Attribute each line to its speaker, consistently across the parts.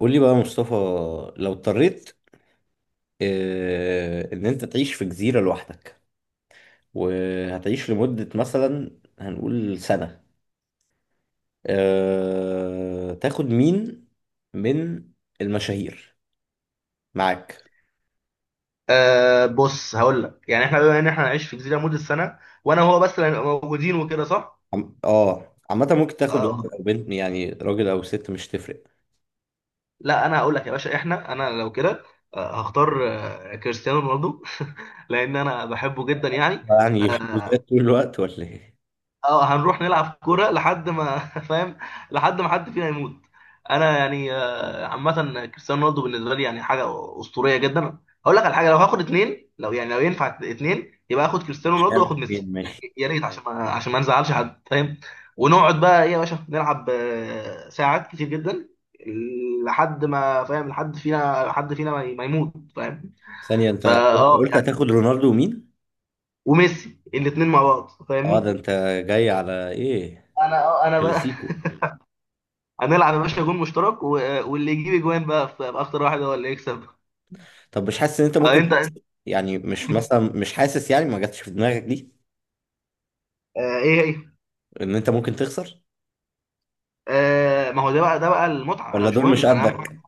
Speaker 1: قول لي بقى يا مصطفى، لو اضطريت ان انت تعيش في جزيرة لوحدك، وهتعيش لمدة مثلا هنقول سنة. تاخد مين من المشاهير معاك؟
Speaker 2: بص هقول لك يعني احنا بما ان احنا هنعيش في جزيره مده سنه، وانا وهو بس اللي هنبقى موجودين وكده صح؟
Speaker 1: عامة ممكن تاخد
Speaker 2: آه
Speaker 1: ولد او بنت، يعني راجل او ست مش تفرق.
Speaker 2: لا انا هقول لك يا باشا انا لو كده هختار كريستيانو رونالدو لان انا بحبه جدا يعني.
Speaker 1: يعني يحبوا
Speaker 2: آه
Speaker 1: ذات طول الوقت ولا ايه؟
Speaker 2: اه هنروح نلعب كوره لحد ما فاهم، لحد ما حد فينا يموت. انا يعني عامه كريستيانو رونالدو بالنسبه لي يعني حاجه اسطوريه جدا. هقول لك على حاجه، لو هاخد اتنين، لو يعني لو ينفع اتنين يبقى اخد كريستيانو
Speaker 1: مش
Speaker 2: رونالدو
Speaker 1: عارف
Speaker 2: واخد ميسي
Speaker 1: فين
Speaker 2: يعني،
Speaker 1: ماشي.
Speaker 2: يا ريت عشان ما نزعلش حد فاهم. ونقعد بقى ايه يا باشا نلعب ساعات كتير جدا، لحد ما فاهم، لحد فينا ما يموت فاهم.
Speaker 1: ثانية، انت
Speaker 2: فا
Speaker 1: قلت
Speaker 2: اه
Speaker 1: قلت
Speaker 2: يعني
Speaker 1: هتاخد رونالدو ومين؟
Speaker 2: وميسي، الاتنين مع بعض
Speaker 1: اه ده
Speaker 2: فاهمني.
Speaker 1: انت جاي على ايه؟
Speaker 2: انا انا بقى
Speaker 1: كلاسيكو.
Speaker 2: هنلعب يا باشا جون مشترك و... واللي يجيب اجوان بقى في اخطر واحد هو اللي يكسب.
Speaker 1: طب مش حاسس ان انت
Speaker 2: آه،
Speaker 1: ممكن
Speaker 2: انت انت-
Speaker 1: تخسر؟ يعني مش مثلا مش حاسس يعني ما جاتش في دماغك دي
Speaker 2: ايه هي؟
Speaker 1: ان انت ممكن تخسر؟
Speaker 2: ما هو ده بقى المتعه، انا
Speaker 1: ولا
Speaker 2: مش
Speaker 1: دول مش
Speaker 2: مهم انا.
Speaker 1: قدك؟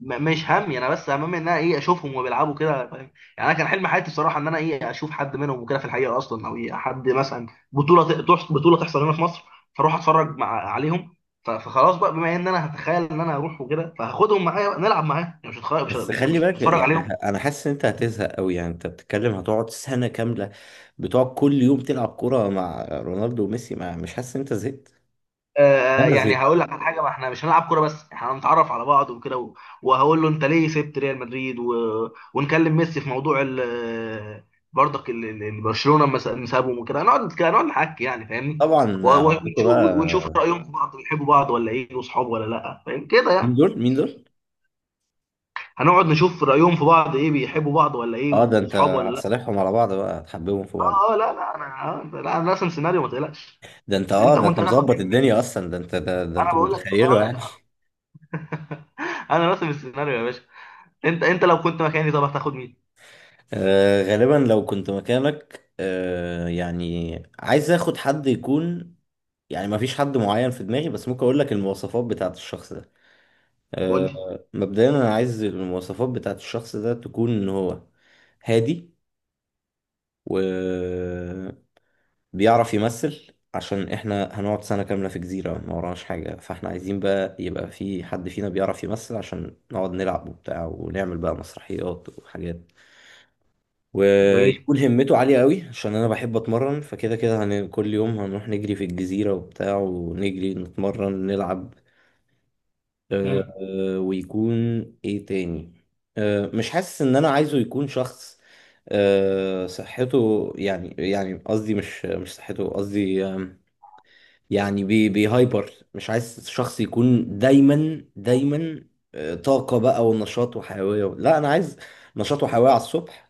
Speaker 2: مش همي انا، بس همي ان انا ايه اشوفهم وبيلعبوا كده فاهم. يعني انا كان حلم حياتي بصراحه ان انا ايه اشوف حد منهم وكده، في الحقيقه اصلا، او إيه حد مثلا بطوله بطوله تحصل هنا في مصر، فاروح اتفرج مع عليهم. فخلاص بقى، بما ان انا هتخيل ان انا هروح وكده فهاخدهم معايا بقى نلعب معاهم، يعني مش هتخيل، مش ه-
Speaker 1: بس
Speaker 2: مش ه-
Speaker 1: خلي
Speaker 2: مش
Speaker 1: بالك
Speaker 2: هتفرج
Speaker 1: يعني،
Speaker 2: عليهم.
Speaker 1: انا حاسس ان انت هتزهق قوي. يعني انت بتتكلم هتقعد سنة كاملة بتقعد كل يوم تلعب كورة مع رونالدو وميسي. ما مش حاسس ان انت زهقت ولا
Speaker 2: يعني
Speaker 1: زهقت؟
Speaker 2: هقول لك على حاجه، ما احنا مش هنلعب كوره بس، احنا هنتعرف على بعض وكده وهقول له انت ليه سبت ريال مدريد و... ونكلم ميسي في موضوع ال... برضك ال... برشلونه لما سابهم وكده، نقعد نحكي يعني فاهمني.
Speaker 1: طبعا. عندكم
Speaker 2: ونشوف
Speaker 1: بقى،
Speaker 2: رايهم في بعض، بيحبوا بعض ولا ايه، وصحاب ولا لا، فاهم كده
Speaker 1: مين
Speaker 2: يعني.
Speaker 1: دول مين دول؟
Speaker 2: هنقعد نشوف رايهم في بعض ايه، بيحبوا بعض ولا ايه،
Speaker 1: اه ده انت
Speaker 2: وصحاب ولا لا.
Speaker 1: هتصالحهم على بعض بقى، هتحببهم في بعض.
Speaker 2: اه اه لا لا انا. لا انا راسم سيناريو ما تقلقش.
Speaker 1: ده انت اه
Speaker 2: انت
Speaker 1: ده
Speaker 2: كنت
Speaker 1: انت
Speaker 2: هتاخد
Speaker 1: مظبط
Speaker 2: مين معاك؟
Speaker 1: الدنيا اصلا، ده انت ده, ده
Speaker 2: انا
Speaker 1: انت
Speaker 2: بقول لك
Speaker 1: متخيله يعني.
Speaker 2: انا راسم السيناريو يا باشا. انت لو كنت مكاني طب هتاخد مين؟
Speaker 1: غالبا لو كنت مكانك، يعني عايز اخد حد يكون، يعني ما فيش حد معين في دماغي، بس ممكن اقول لك المواصفات بتاعت الشخص ده.
Speaker 2: قول
Speaker 1: آه
Speaker 2: لي.
Speaker 1: مبدئيا انا عايز المواصفات بتاعت الشخص ده تكون ان هو هادي، وبيعرف يمثل، عشان احنا هنقعد سنة كاملة في جزيرة ما وراناش حاجة، فاحنا عايزين بقى يبقى في حد فينا بيعرف يمثل عشان نقعد نلعب وبتاع ونعمل بقى مسرحيات وحاجات.
Speaker 2: جميل.
Speaker 1: ويكون همته عالية قوي عشان انا بحب اتمرن، فكده كده كل يوم هنروح نجري في الجزيرة وبتاع، ونجري نتمرن نلعب.
Speaker 2: مم.
Speaker 1: ويكون ايه تاني، مش حاسس ان انا عايزه يكون شخص، صحته يعني، يعني قصدي مش صحته، قصدي يعني بيهايبر. مش عايز شخص يكون دايما، طاقة بقى ونشاط وحيوية. لا انا عايز نشاط وحيوية على الصبح،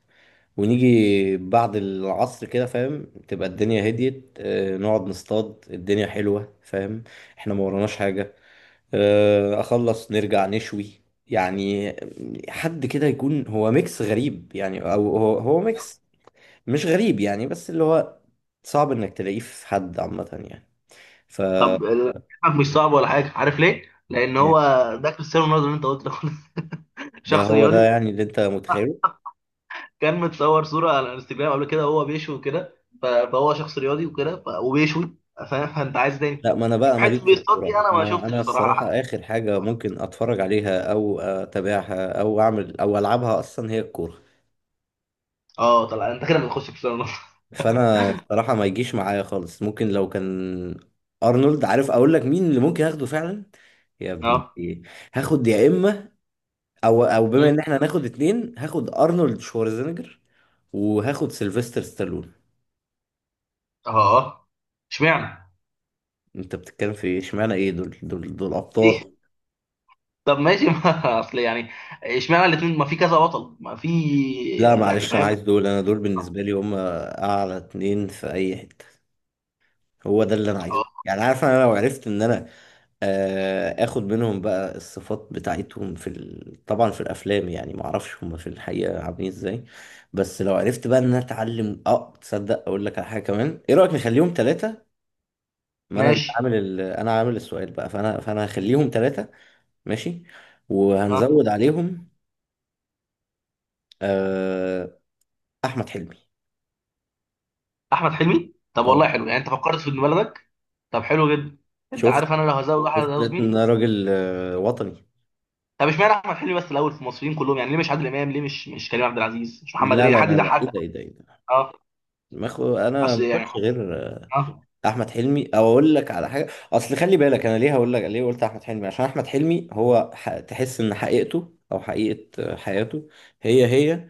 Speaker 1: ونيجي بعد العصر كده فاهم، تبقى الدنيا هديت، نقعد نصطاد، الدنيا حلوة فاهم، احنا ما وراناش حاجة، اخلص نرجع نشوي يعني. حد كده يكون هو ميكس غريب يعني، او هو ميكس مش غريب يعني، بس اللي هو صعب انك تلاقيه في حد عامة يعني. ف
Speaker 2: طب كلامك مش صعب ولا حاجه، عارف ليه، لان هو ده كريستيانو رونالدو اللي انت قلت له.
Speaker 1: ده
Speaker 2: شخص
Speaker 1: هو ده
Speaker 2: رياضي،
Speaker 1: يعني اللي انت متخيله.
Speaker 2: كان متصور صوره على الانستجرام قبل كده وهو بيشوي وكده، ف- فهو شخص رياضي وكده ف- وبيشوي فاهم، فانت عايز تاني.
Speaker 1: لا ما انا بقى ماليش
Speaker 2: حته
Speaker 1: في
Speaker 2: بيصطاد
Speaker 1: الكوره،
Speaker 2: دي انا ما
Speaker 1: ما
Speaker 2: شفتش
Speaker 1: انا الصراحه
Speaker 2: بصراحه.
Speaker 1: اخر حاجه ممكن اتفرج عليها او اتابعها او اعمل او العبها اصلا هي الكوره.
Speaker 2: اه طلع انت كده بتخش كريستيانو رونالدو.
Speaker 1: فانا الصراحه ما يجيش معايا خالص. ممكن لو كان ارنولد، عارف اقول لك مين اللي ممكن اخده فعلا؟ يا ابن
Speaker 2: اه.
Speaker 1: ايه، هاخد يا اما، او بما
Speaker 2: مم.
Speaker 1: ان احنا هناخد اتنين، هاخد ارنولد شوارزنيجر وهاخد سيلفستر ستالون.
Speaker 2: اه. اشمعنى؟
Speaker 1: انت بتتكلم في ايه اشمعنى ايه، دول دول ابطال.
Speaker 2: ليه؟ طب ماشي ما اصل يعني، اشمعنى الاثنين، ما في كذا بطل ما في
Speaker 1: لا
Speaker 2: يعني
Speaker 1: معلش انا
Speaker 2: فاهم.
Speaker 1: عايز دول، انا دول بالنسبه لي هم اعلى اتنين في اي حته. هو ده اللي انا عايزه
Speaker 2: اه
Speaker 1: يعني، عارف انا لو عرفت ان انا اخد منهم بقى الصفات بتاعتهم في ال... طبعا في الافلام، يعني ما اعرفش هم في الحقيقه عاملين ازاي. بس لو عرفت بقى ان انا اتعلم. اه، تصدق اقول لك على حاجه كمان، ايه رايك نخليهم ثلاثه؟ ما انا اللي
Speaker 2: ماشي.
Speaker 1: عامل ال... انا عامل السؤال بقى، فانا هخليهم ثلاثه. ماشي.
Speaker 2: ها.
Speaker 1: وهنزود عليهم آه، احمد حلمي.
Speaker 2: احمد حلمي، طب والله
Speaker 1: اه،
Speaker 2: حلو يعني، انت فكرت في ابن بلدك. طب حلو جدا. انت
Speaker 1: شفت؟
Speaker 2: عارف انا لو هزود احمد
Speaker 1: شفت
Speaker 2: هزود
Speaker 1: لقيت ان
Speaker 2: مين؟
Speaker 1: أنا راجل وطني.
Speaker 2: طب اشمعنى احمد حلمي بس الاول في المصريين كلهم يعني؟ ليه مش عادل امام؟ ليه مش كريم عبد العزيز، مش محمد
Speaker 1: لا
Speaker 2: هنيدي،
Speaker 1: لا
Speaker 2: حد
Speaker 1: لا لا ايه
Speaker 2: يضحكك.
Speaker 1: ده ايه ده ايه ده
Speaker 2: اه.
Speaker 1: ما خو... انا ما
Speaker 2: اصل يعني.
Speaker 1: كنتش غير
Speaker 2: اه.
Speaker 1: احمد حلمي. او اقول لك على حاجه، اصل خلي بالك انا ليه هقول لك ليه قلت احمد حلمي، عشان احمد حلمي هو ح... تحس ان حقيقته او حقيقه حياته هي هي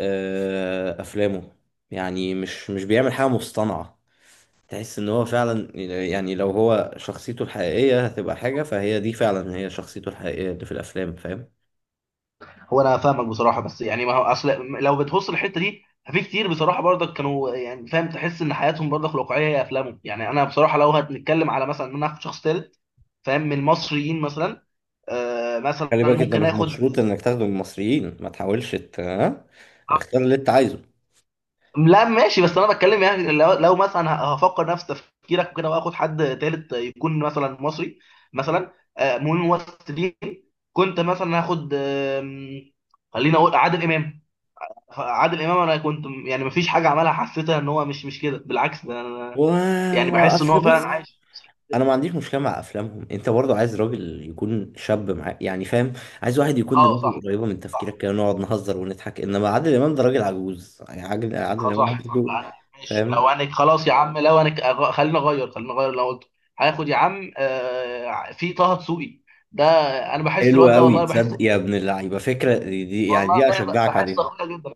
Speaker 1: افلامه. يعني مش بيعمل حاجه مصطنعه، تحس ان هو فعلا، يعني لو هو شخصيته الحقيقيه هتبقى حاجه، فهي دي فعلا هي شخصيته الحقيقيه اللي في الافلام فاهم.
Speaker 2: هو انا فاهمك بصراحه، بس يعني ما هو اصل لو بتبص الحته دي ففي كتير بصراحه برضك كانوا يعني فاهم، تحس ان حياتهم برضك الواقعيه هي افلامهم. يعني انا بصراحه لو هنتكلم على مثلا ان انا اخد شخص ثالث فاهم، من المصريين مثلا. مثلا
Speaker 1: خلي بالك انت
Speaker 2: ممكن
Speaker 1: مش
Speaker 2: اخد.
Speaker 1: مشروط انك تاخده من المصريين، ما تحاولش ها؟ اختار اللي انت عايزه.
Speaker 2: لا ماشي، بس انا بتكلم يعني لو، لو مثلا هفكر نفس تفكيرك وكده، واخد حد تالت يكون مثلا مصري، مثلا من الممثلين، كنت مثلا هاخد خليني اقول عادل امام. عادل امام انا كنت يعني مفيش حاجه عملها حسيتها ان هو مش كده، بالعكس، ده انا يعني
Speaker 1: وما
Speaker 2: بحس ان هو
Speaker 1: اصل
Speaker 2: فعلا
Speaker 1: بص،
Speaker 2: عايش.
Speaker 1: انا ما عنديش مشكله مع افلامهم. انت برضو عايز راجل يكون شاب معاك يعني فاهم، عايز واحد يكون
Speaker 2: اه
Speaker 1: دماغه
Speaker 2: صح.
Speaker 1: قريبه من تفكيرك،
Speaker 2: صح.
Speaker 1: كده نقعد نهزر ونضحك. انما عادل امام ده راجل عجوز يعني، عادل امام
Speaker 2: صح صح.
Speaker 1: عنده
Speaker 2: يعني ماشي
Speaker 1: فاهم.
Speaker 2: لو انا، خلاص يا عم لو انا خلينا اغير، خلينا اغير اللي انا قلته. هاخد يا عم في طه دسوقي ده، انا بحس
Speaker 1: حلو
Speaker 2: الواد ده
Speaker 1: قوي
Speaker 2: والله بحس.
Speaker 1: تصدق يا ابن اللعيبه، فكره يعني
Speaker 2: والله
Speaker 1: دي اشجعك
Speaker 2: بحس
Speaker 1: عليها.
Speaker 2: اخويا جدا،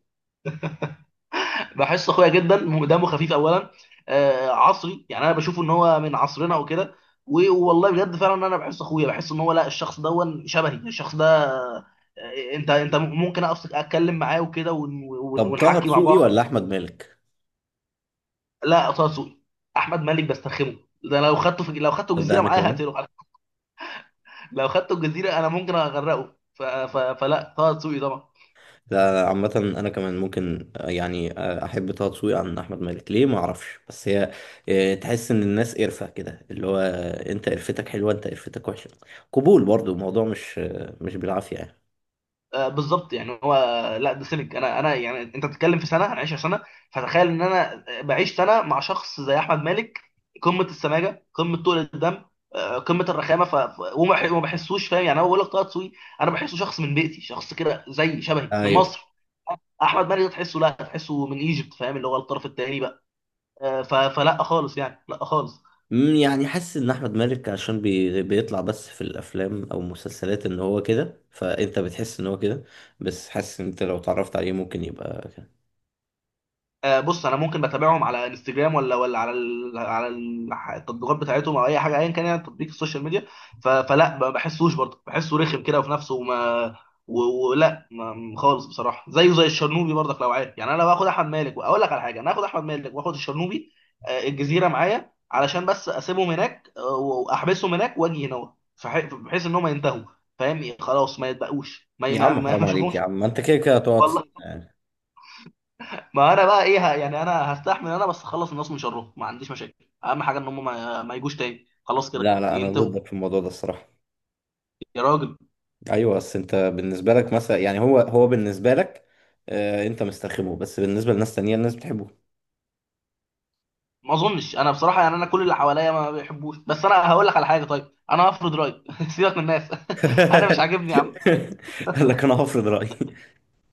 Speaker 2: بحس اخويا جدا، دمه خفيف اولا، عصري يعني انا بشوف ان هو من عصرنا وكده والله بجد فعلا انا بحس اخويا، بحس ان هو، لا، الشخص ده شبهي، الشخص ده انت ممكن اتكلم معاه وكده
Speaker 1: طب طه
Speaker 2: ونحكي مع
Speaker 1: دسوقي
Speaker 2: بعض.
Speaker 1: ولا احمد مالك؟
Speaker 2: لا طه دسوقي. احمد مالك بسترخمه، ده لو خدته في، لو خدته
Speaker 1: تصدق
Speaker 2: جزيره
Speaker 1: انا
Speaker 2: معايا
Speaker 1: كمان،
Speaker 2: هقتله على فكرة. لو خدته الجزيره انا ممكن اغرقه، فلا طه دسوقي طبعا.
Speaker 1: لا عامة أنا كمان ممكن يعني أحب طه دسوقي عن أحمد مالك. ليه؟ ما أعرفش، بس هي تحس إن الناس قرفة كده، اللي هو أنت قرفتك حلوة، أنت قرفتك وحشة. قبول برضو الموضوع مش مش بالعافية يعني.
Speaker 2: بالظبط يعني هو، لا ده سمك. انا يعني انت بتتكلم في سنه، انا 10 سنه، فتخيل ان انا بعيش سنه مع شخص زي احمد مالك، قمه السماجه، قمه طول الدم، قمه الرخامه، وما بحسوش فاهم، يعني انا بقول لك طه دسوقي، انا بحسه شخص من بيتي، شخص كده زي شبهي من
Speaker 1: أيوه.
Speaker 2: مصر. احمد مالك ده تحسه، لا تحسه من ايجيبت، فاهم، اللي هو الطرف الثاني بقى. آه، ف- فلا خالص يعني، لا خالص.
Speaker 1: مم، يعني حاسس إن أحمد مالك عشان بيطلع بس في الأفلام أو المسلسلات إن هو كده، فأنت بتحس إن هو كده. بس حاسس إن أنت لو اتعرفت عليه ممكن يبقى كده.
Speaker 2: بص انا ممكن بتابعهم على انستجرام، ولا على التطبيقات بتاعتهم او اي حاجه ايا كان يعني تطبيق السوشيال ميديا، فلا ما بحسوش برضه، بحسه رخم كده وفي نفسه وما و- ولا ما- خالص بصراحه، زيه زي الشرنوبي برضك لو عارف. يعني انا لو هاخد احمد مالك، واقول لك على حاجه، انا هاخد احمد مالك واخد الشرنوبي الجزيره معايا، علشان بس اسيبهم هناك واحبسهم هناك واجي هنا، بحيث ان هم ينتهوا فاهم، خلاص ما يتبقوش، ما
Speaker 1: يا
Speaker 2: ما ما
Speaker 1: عم
Speaker 2: ما
Speaker 1: حرام
Speaker 2: اشوفهمش
Speaker 1: عليك، يا عم ما أنت كده كده هتقعد
Speaker 2: والله
Speaker 1: سنة يعني.
Speaker 2: ما انا بقى ايه يعني انا هستحمل، انا بس اخلص الناس من شرهم، ما عنديش مشاكل، اهم حاجه ان هم ما يجوش تاني، خلاص كده
Speaker 1: لا لا، أنا
Speaker 2: ينتهوا.
Speaker 1: ضدك في الموضوع ده الصراحة.
Speaker 2: يا راجل
Speaker 1: ايوه بس انت بالنسبه لك مثلا يعني، هو بالنسبه لك انت مستخدمه، بس بالنسبه لناس تانية الناس بتحبه.
Speaker 2: ما اظنش، انا بصراحه يعني انا كل اللي حواليا ما بيحبوش، بس انا هقول لك على حاجه، طيب انا هفرض رايي سيبك من الناس. انا مش عاجبني يا عم.
Speaker 1: قال لك انا هفرض رايي.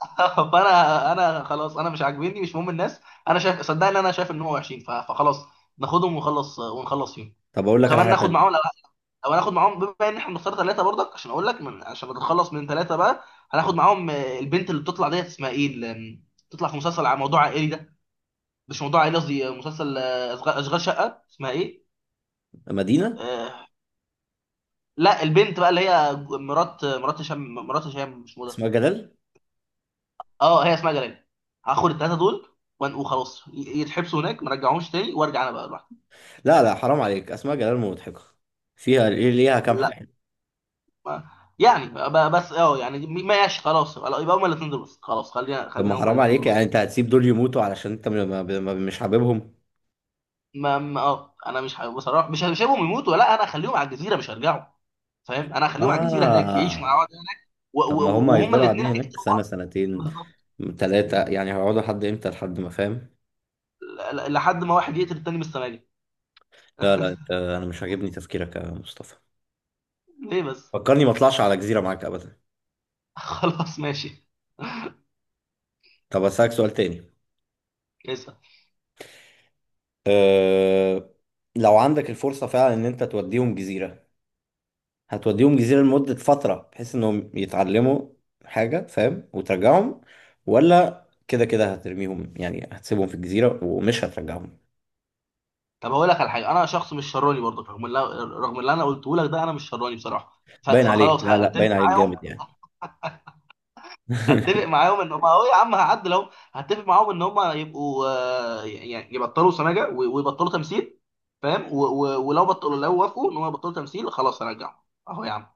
Speaker 2: فانا خلاص، انا مش عاجبني، مش مهم الناس، انا شايف، صدقني انا شايف ان هو وحشين، فخلاص ناخدهم ونخلص ونخلص فيهم.
Speaker 1: طب اقول لك على
Speaker 2: وكمان
Speaker 1: حاجه
Speaker 2: ناخد معاهم،
Speaker 1: تانية.
Speaker 2: او هناخد معاهم، بما ان احنا بنختار ثلاثه برضك، عشان اقول لك، من عشان نتخلص من ثلاثه بقى. هناخد معاهم البنت اللي بتطلع ديت اسمها ايه، اللي بتطلع في مسلسل على موضوع عائلي ده، مش موضوع عائلي، قصدي مسلسل اشغال شقه، اسمها ايه؟
Speaker 1: مدينه؟
Speaker 2: آه لا البنت بقى اللي هي مرات، مرات هشام، مرات هشام مش موضة.
Speaker 1: اسمها جلال.
Speaker 2: اه هي اسمها جلال. هاخد الثلاثه دول وخلاص يتحبسوا هناك، ما رجعهمش تاني، وارجع انا بقى لوحدي.
Speaker 1: لا لا حرام عليك، اسمها جلال مضحكه، فيها ليه، ليها كام
Speaker 2: لا
Speaker 1: حاجه.
Speaker 2: ما- يعني بس يعني ماشي خلاص، يبقى هما الاثنين دول بس. خلاص خلينا
Speaker 1: طب ما
Speaker 2: خلينا هما
Speaker 1: حرام
Speaker 2: الاثنين
Speaker 1: عليك
Speaker 2: دول
Speaker 1: يعني،
Speaker 2: بس.
Speaker 1: انت هتسيب دول يموتوا علشان انت مش حاببهم؟
Speaker 2: انا مش ه- بصراحه مش هسيبهم يموتوا، لا انا هخليهم على الجزيره، مش هرجعوا فاهم، انا هخليهم على الجزيره هناك، يعيشوا مع
Speaker 1: اه.
Speaker 2: بعض
Speaker 1: طب ما هم
Speaker 2: وهما
Speaker 1: هيفضلوا قاعدين
Speaker 2: الاثنين
Speaker 1: هناك
Speaker 2: هيقتلوا
Speaker 1: سنه،
Speaker 2: بعض.
Speaker 1: سنتين،
Speaker 2: بالظبط
Speaker 1: ثلاثه، يعني هيقعدوا لحد امتى؟ لحد ما فاهم.
Speaker 2: لحد ما واحد يقتل التاني من السماجه.
Speaker 1: لا لا، انت انا مش عاجبني تفكيرك يا مصطفى.
Speaker 2: ليه بس؟
Speaker 1: فكرني ما اطلعش على جزيرة معاك ابدا.
Speaker 2: خلاص ماشي.
Speaker 1: طب اسالك سؤال تاني.
Speaker 2: اسال.
Speaker 1: أه... لو عندك الفرصة فعلا ان انت توديهم جزيرة، هتوديهم جزيرة لمدة فترة بحيث انهم يتعلموا حاجة فاهم وترجعهم، ولا كده كده هترميهم يعني هتسيبهم في الجزيرة ومش هترجعهم؟
Speaker 2: طب هقول لك على حاجه، انا شخص مش شراني برضه، رغم اللي انا قلته لك ده، انا مش شراني بصراحه،
Speaker 1: باين عليك.
Speaker 2: فخلاص
Speaker 1: لا لا
Speaker 2: هتفق
Speaker 1: باين عليك
Speaker 2: معاهم.
Speaker 1: جامد يعني.
Speaker 2: اتفق معاهم ان هم، اهو يا عم هعدل، اهو هتفق معاهم ان هم يبقوا يعني يبطلوا سماجه و- ويبطلوا تمثيل فاهم، و- و- ولو بطلوا لو وافقوا ان هم يبطلوا تمثيل خلاص هرجعهم. اهو يا عم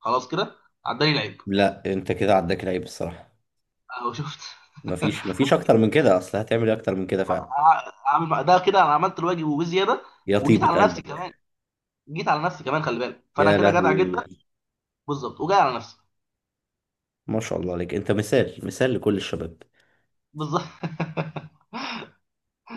Speaker 2: خلاص كده، عداني العيب.
Speaker 1: لا انت كده عداك العيب الصراحة.
Speaker 2: اهو شفت.
Speaker 1: مفيش مفيش اكتر من كده، اصل هتعمل ايه اكتر من كده فعلا.
Speaker 2: ده كده انا عملت الواجب وبزياده،
Speaker 1: يا
Speaker 2: وجيت
Speaker 1: طيبة
Speaker 2: على نفسي
Speaker 1: قلبك.
Speaker 2: كمان. جيت على نفسي كمان، خلي بالك، فانا
Speaker 1: يا
Speaker 2: كده جدع
Speaker 1: لهوي.
Speaker 2: جدا. بالظبط، وجاي على نفسي.
Speaker 1: ما شاء الله عليك، انت مثال لكل الشباب.
Speaker 2: بالظبط.